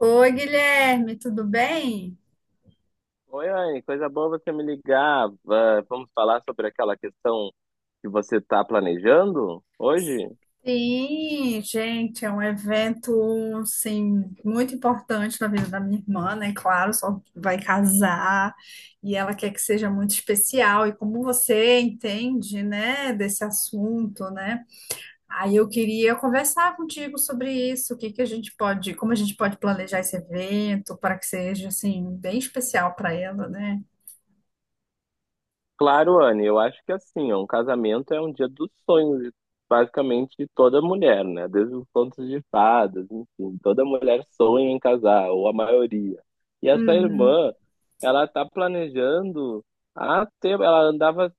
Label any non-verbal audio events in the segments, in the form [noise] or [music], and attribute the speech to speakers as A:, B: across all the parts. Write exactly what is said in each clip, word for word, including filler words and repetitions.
A: Oi, Guilherme, tudo bem?
B: Oi, Anne, coisa boa você me ligar. Va- Vamos falar sobre aquela questão que você está planejando hoje?
A: Sim, gente, é um evento, assim, muito importante na vida da minha irmã, né? Claro, só vai casar e ela quer que seja muito especial. E como você entende, né, desse assunto, né? Aí eu queria conversar contigo sobre isso, o que que a gente pode, como a gente pode planejar esse evento para que seja, assim, bem especial para ela, né?
B: Claro, Anne, eu acho que assim, ó, um casamento é um dia dos sonhos, de- basicamente, de toda mulher, né? Desde os contos de fadas, enfim, toda mulher sonha em casar, ou a maioria. E essa
A: Uhum.
B: irmã, ela tá planejando há tempo, ela andava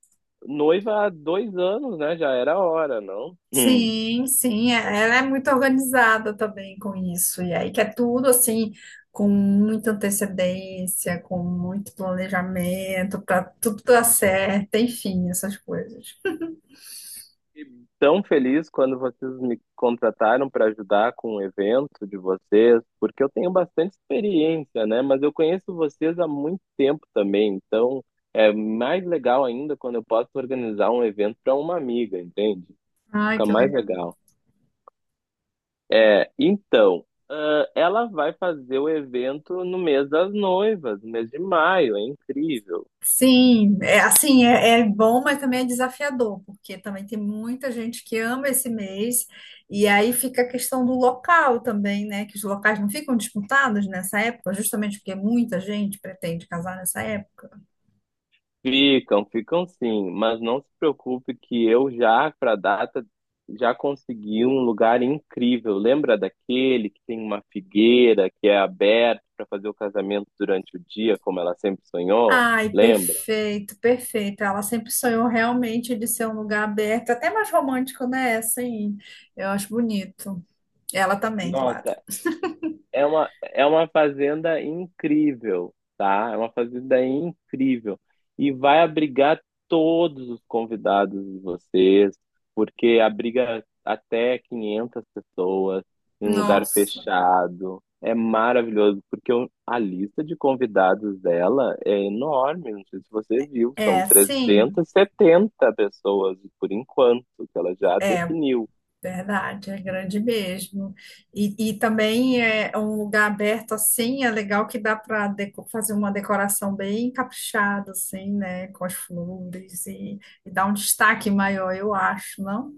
B: noiva há dois anos, né? Já era hora, não?
A: Sim, sim, é- Ela é muito organizada também com isso. E aí que é tudo assim, com muita antecedência, com muito planejamento, para tudo dar certo, enfim, essas coisas.
B: Fiquei tão feliz quando vocês me contrataram para ajudar com o evento de vocês, porque eu tenho bastante experiência, né? Mas eu conheço vocês há muito tempo também, então é mais legal ainda quando eu posso organizar um evento para uma amiga, entende?
A: Ai,
B: Fica
A: que
B: mais
A: legal.
B: legal. É, então, ah, ela vai fazer o evento no mês das noivas, no mês de maio, é incrível.
A: Sim, é assim, é, é bom, mas também é desafiador, porque também tem muita gente que ama esse mês, e aí fica a questão do local também, né? Que os locais não ficam disputados nessa época, justamente porque muita gente pretende casar nessa época.
B: Ficam, ficam sim, mas não se preocupe que eu já, para a data, já consegui um lugar incrível. Lembra daquele que tem uma figueira que é aberta para fazer o casamento durante o dia, como ela sempre sonhou?
A: Ai,
B: Lembra?
A: perfeito, perfeito. Ela sempre sonhou realmente de ser um lugar aberto, até mais romântico, né? Assim, eu acho bonito. Ela também, claro.
B: Nossa, é uma, é uma fazenda incrível, tá? É uma fazenda incrível. E vai abrigar todos os convidados de vocês, porque abriga até quinhentas pessoas em um lugar
A: Nossa.
B: fechado. É maravilhoso, porque o- a lista de convidados dela é enorme. Não sei se você viu, são
A: É, sim,
B: trezentas e setenta pessoas por enquanto, que ela já definiu.
A: verdade, é grande mesmo. E, e também é um lugar aberto assim, é legal que dá para fazer uma decoração bem caprichada, assim, né? Com as flores e, e dar um destaque maior, eu acho, não?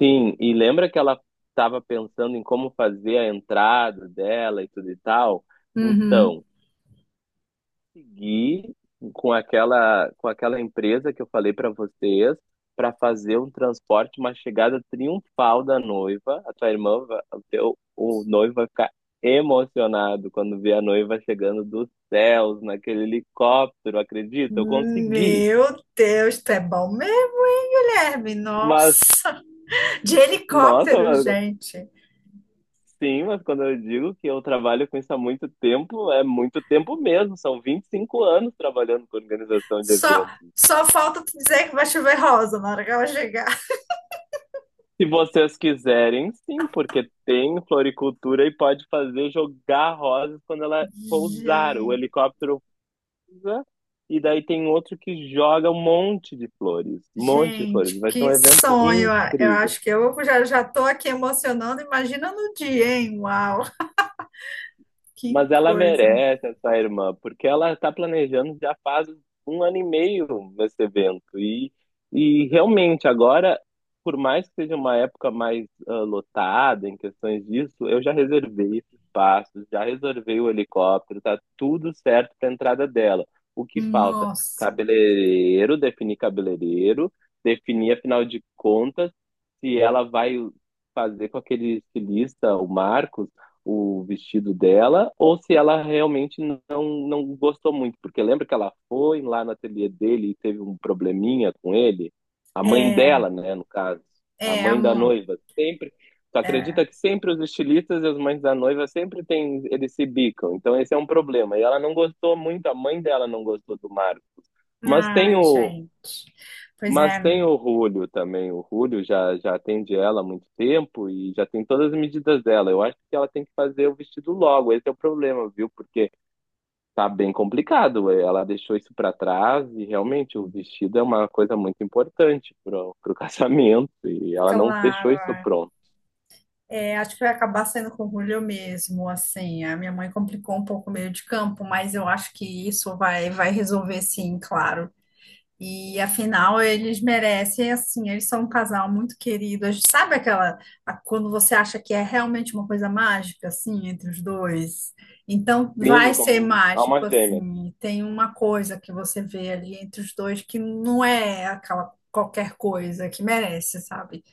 B: Sim, e lembra que ela estava pensando em como fazer a entrada dela e tudo e tal?
A: Uhum.
B: Então, segui com aquela, com aquela empresa que eu falei para vocês para fazer um transporte, uma chegada triunfal da noiva. A tua irmã, va- o teu, o noivo vai ficar emocionado quando ver a noiva chegando dos céus naquele helicóptero, acredita? Eu consegui,
A: Meu Deus, tu é bom mesmo, hein, Guilherme?
B: mas
A: Nossa, de helicóptero,
B: nossa.
A: gente.
B: Sim, mas quando eu digo que eu trabalho com isso há muito tempo, é muito tempo mesmo. São vinte e cinco anos trabalhando com organização de
A: Só,
B: eventos.
A: só falta tu dizer que vai chover rosa na hora que ela chegar.
B: Se vocês quiserem, sim, porque tem floricultura e pode fazer jogar rosas quando ela pousar. O
A: Gente,
B: helicóptero pousa e daí tem outro que joga um monte de flores. Um monte de flores.
A: gente,
B: Vai ser um
A: que
B: evento
A: sonho! Eu
B: incrível.
A: acho que eu já já tô aqui emocionando. Imagina no dia, hein? Uau, que
B: Mas ela
A: coisa!
B: merece essa irmã, porque ela está planejando já faz um ano e meio esse evento. E, e realmente, agora, por mais que seja uma época mais ah, lotada em questões disso, eu já reservei esse espaço, já reservei o helicóptero, tá tudo certo para a entrada dela. O que falta?
A: Nossa,
B: Cabeleireiro, definir cabeleireiro, definir, afinal de contas, se ela vai fazer com aquele estilista, o Marcos, o vestido dela, ou se ela realmente não, não gostou muito. Porque lembra que ela foi lá no ateliê dele e teve um probleminha com ele? A mãe
A: é,
B: dela, né, no caso. A
A: é,
B: mãe da
A: amor.
B: noiva. Sempre. Tu acredita
A: É.
B: que sempre os estilistas e as mães da noiva sempre tem, eles se bicam. Então esse é um problema. E ela não gostou muito, a mãe dela não gostou do Marcos. Mas tem
A: Ai,
B: o,
A: gente. Pois
B: mas
A: é,
B: tem o Rúlio também. O Rúlio já, já atende ela há muito tempo e já tem todas as medidas dela. Eu acho que ela tem que fazer o vestido logo. Esse é o problema, viu? Porque tá bem complicado. Ela deixou isso para trás e realmente o vestido é uma coisa muito importante pro, pro [laughs] casamento e ela não deixou
A: claro.
B: isso pronto.
A: É, acho que vai acabar saindo com o Julio mesmo, assim, a minha mãe complicou um pouco o meio de campo, mas eu acho que isso vai, vai resolver sim, claro. E afinal, eles merecem, assim, eles são um casal muito querido. A gente... Sabe aquela, a- quando você acha que é realmente uma coisa mágica, assim, entre os dois? Então,
B: Sim,
A: vai ser
B: como alma
A: mágico,
B: gêmea.
A: assim, tem uma coisa que você vê ali entre os dois que não é aquela qualquer coisa que merece, sabe?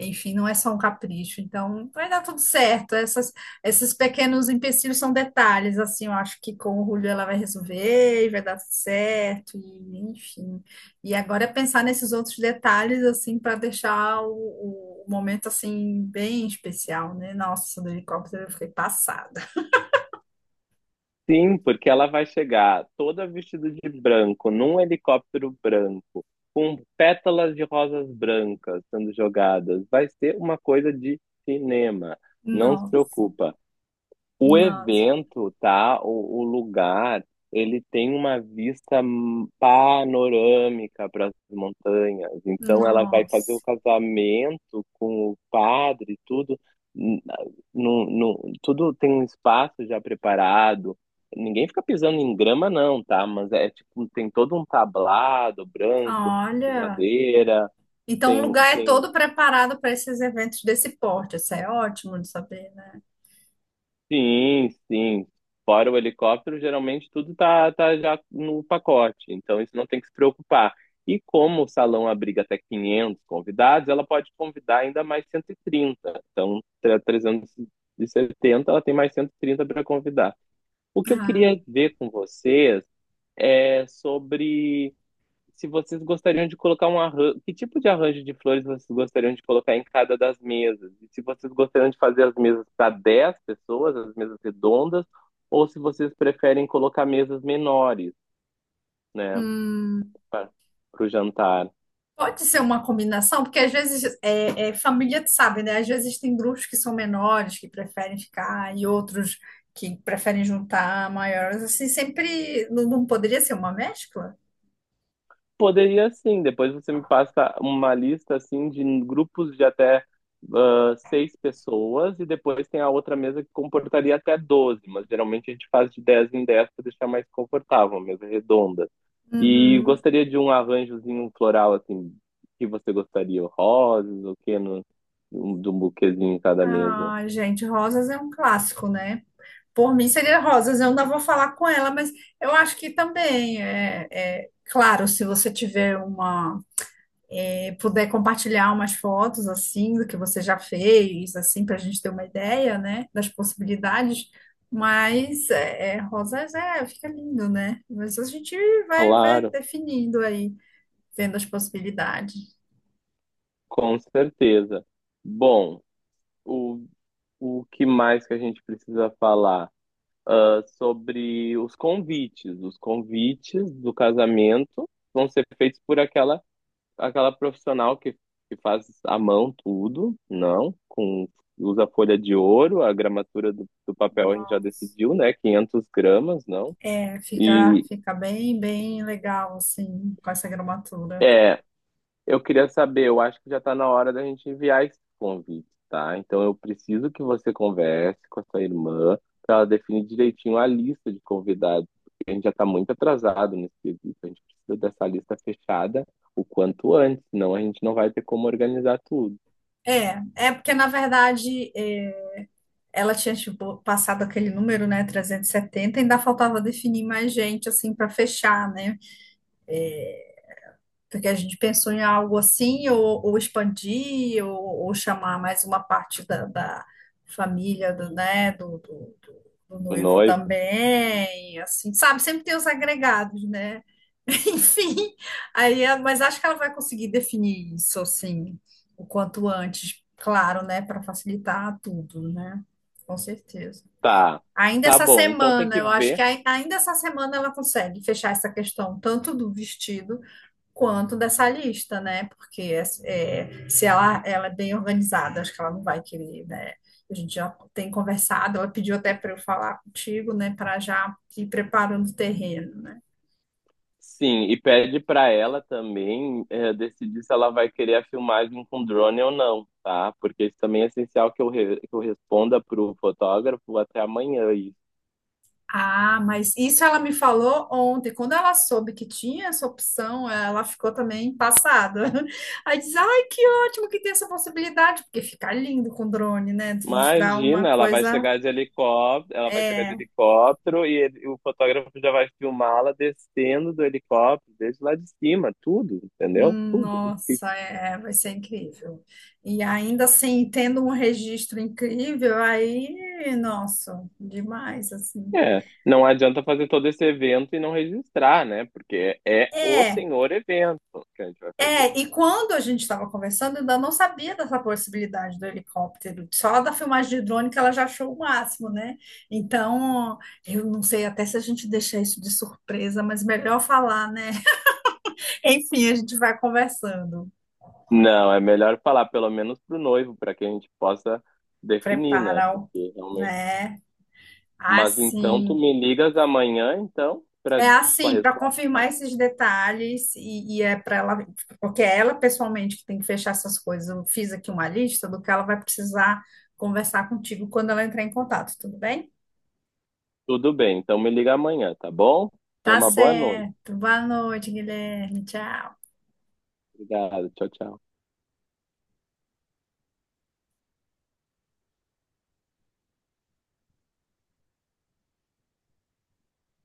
A: Enfim, não é só um capricho. Então, vai dar tudo certo. Essas, esses pequenos empecilhos são detalhes, assim, eu acho que com o Julio ela vai resolver e vai dar tudo certo, e, enfim. E agora é pensar nesses outros detalhes, assim, para deixar o, o momento, assim, bem especial, né? Nossa, do helicóptero eu fiquei passada.
B: Sim, porque ela vai chegar toda vestida de branco, num helicóptero branco, com pétalas de rosas brancas sendo jogadas. Vai ser uma coisa de cinema. Não se
A: Nossa,
B: preocupa. O
A: nossa,
B: evento, tá? O, o lugar, ele tem uma vista hum, panorâmica para as montanhas. Então, ela vai fazer o
A: nossa.
B: casamento com o padre, tudo. hum, No, no, tudo tem um espaço já preparado. Ninguém fica pisando em grama, não, tá? Mas é tipo, tem todo um tablado branco, de
A: Olha,
B: madeira,
A: então o
B: tem,
A: lugar é
B: tem
A: todo preparado para esses eventos desse porte. Isso é ótimo de saber, né?
B: Sim, sim. Fora o helicóptero, geralmente tudo tá, tá já no pacote, então isso não tem que se preocupar. E como o salão abriga até quinhentos convidados, ela pode convidar ainda mais cento e trinta. Então, tre- trezentos e setenta, ela tem mais cento e trinta para convidar. O que eu queria ver com vocês é sobre se vocês gostariam de colocar um arranjo, que tipo de arranjo de flores vocês gostariam de colocar em cada das mesas? E se vocês gostariam de fazer as mesas para dez pessoas, as mesas redondas, ou se vocês preferem colocar mesas menores, né,
A: Hum,
B: para o jantar.
A: pode ser uma combinação, porque às vezes é, é família, tu sabe, né? Às vezes tem grupos que são menores, que preferem ficar, e outros que preferem juntar maiores. Assim, sempre não, não poderia ser uma mescla?
B: Poderia sim, depois você me passa uma lista assim de grupos de até ah, seis pessoas e depois tem a outra mesa que comportaria até doze, mas geralmente a gente faz de dez em dez para deixar mais confortável, uma mesa redonda. E
A: Uhum.
B: gostaria de um arranjozinho floral, assim, que você gostaria, rosas, o que, no, um- de um buquezinho em cada mesa.
A: Ah, gente, rosas é um clássico, né? Por mim seria rosas, eu ainda vou falar com ela, mas eu acho que também é, é claro, se você tiver uma, puder compartilhar umas fotos assim do que você já fez, assim, para a gente ter uma ideia, né, das possibilidades. Mas é, é, rosas é, fica lindo, né? Mas a gente vai, vai
B: Claro,
A: definindo aí, vendo as possibilidades.
B: com certeza. Bom, o, o que mais que a gente precisa falar? Ah, sobre os convites. Os convites do casamento vão ser feitos por aquela, aquela profissional que, que faz à mão tudo, não, com, usa folha de ouro, a gramatura do, do papel a gente já
A: Nossa.
B: decidiu, né? quinhentas gramas, não.
A: É, fica,
B: E
A: fica bem, bem legal assim com essa gramatura.
B: é, eu queria saber, eu acho que já está na hora da gente enviar esse convite, tá? Então eu preciso que você converse com a sua irmã para ela definir direitinho a lista de convidados, porque a gente já está muito atrasado nesse quesito, a gente precisa dessa lista fechada o quanto antes, senão a gente não vai ter como organizar tudo.
A: É, é porque na verdade é, ela tinha tipo, passado aquele número, né, trezentos e setenta ainda faltava definir mais gente assim para fechar, né? Porque a gente pensou em algo assim, ou, ou expandir, ou, ou chamar mais uma parte da, da família do, né, do, do, do- do
B: O
A: noivo
B: noivo.
A: também, assim, sabe? Sempre tem os agregados, né? [laughs] Enfim, aí, é- mas acho que ela vai conseguir definir isso, assim, o quanto antes, claro, né, para facilitar tudo, né? Com certeza.
B: Tá,
A: Ainda
B: tá
A: essa
B: bom. Então tem
A: semana,
B: que
A: eu acho que
B: ver,
A: ai- ainda essa semana ela consegue fechar essa questão, tanto do vestido quanto dessa lista, né? Porque é, se ela, ela é bem organizada, acho que ela não vai querer, né? A gente já tem conversado, ela pediu até para eu falar contigo, né? Para já ir preparando o terreno, né?
B: sim, e pede pra ela também é, decidir se ela vai querer a filmagem com drone ou não, tá? Porque isso também é essencial que eu, re- que eu responda pro fotógrafo até amanhã isso.
A: Ah, mas isso ela me falou ontem. Quando ela soube que tinha essa opção, ela ficou também passada. [laughs] Aí diz: Ai, que ótimo que tem essa possibilidade, porque fica lindo com drone, né? Tudo dá uma
B: Imagina, ela vai
A: coisa.
B: chegar de helicóptero, ela vai chegar de helicóptero e ele- o fotógrafo já vai filmá-la descendo do helicóptero, desde lá de cima, tudo, entendeu? Tudo.
A: Nossa, é, vai ser incrível. E ainda assim, tendo um registro incrível, aí, nossa, demais, assim.
B: É, não adianta fazer todo esse evento e não registrar, né? Porque é o
A: É,
B: senhor evento que a gente vai fazer.
A: é, e quando a gente estava conversando, eu ainda não sabia dessa possibilidade do helicóptero. Só da filmagem de drone que ela já achou o máximo, né? Então, eu não sei até se a gente deixa isso de surpresa, mas melhor falar, né? [laughs] Enfim, a gente vai conversando.
B: Não, é melhor falar pelo menos pro noivo, para que a gente possa definir, né?
A: Prepara, o-
B: Porque realmente.
A: né?
B: Mas então tu
A: Assim.
B: me ligas amanhã, então, para,
A: É
B: com a
A: assim, para
B: resposta?
A: confirmar esses detalhes, e, e é para ela, porque é ela pessoalmente que tem que fechar essas coisas. Eu fiz aqui uma lista do que ela vai precisar conversar contigo quando ela entrar em contato, tudo bem?
B: Tudo bem, então me liga amanhã, tá bom? Tenha
A: Tá
B: uma boa noite.
A: certo. Boa noite, Guilherme. Tchau.
B: Obrigado, tchau, tchau.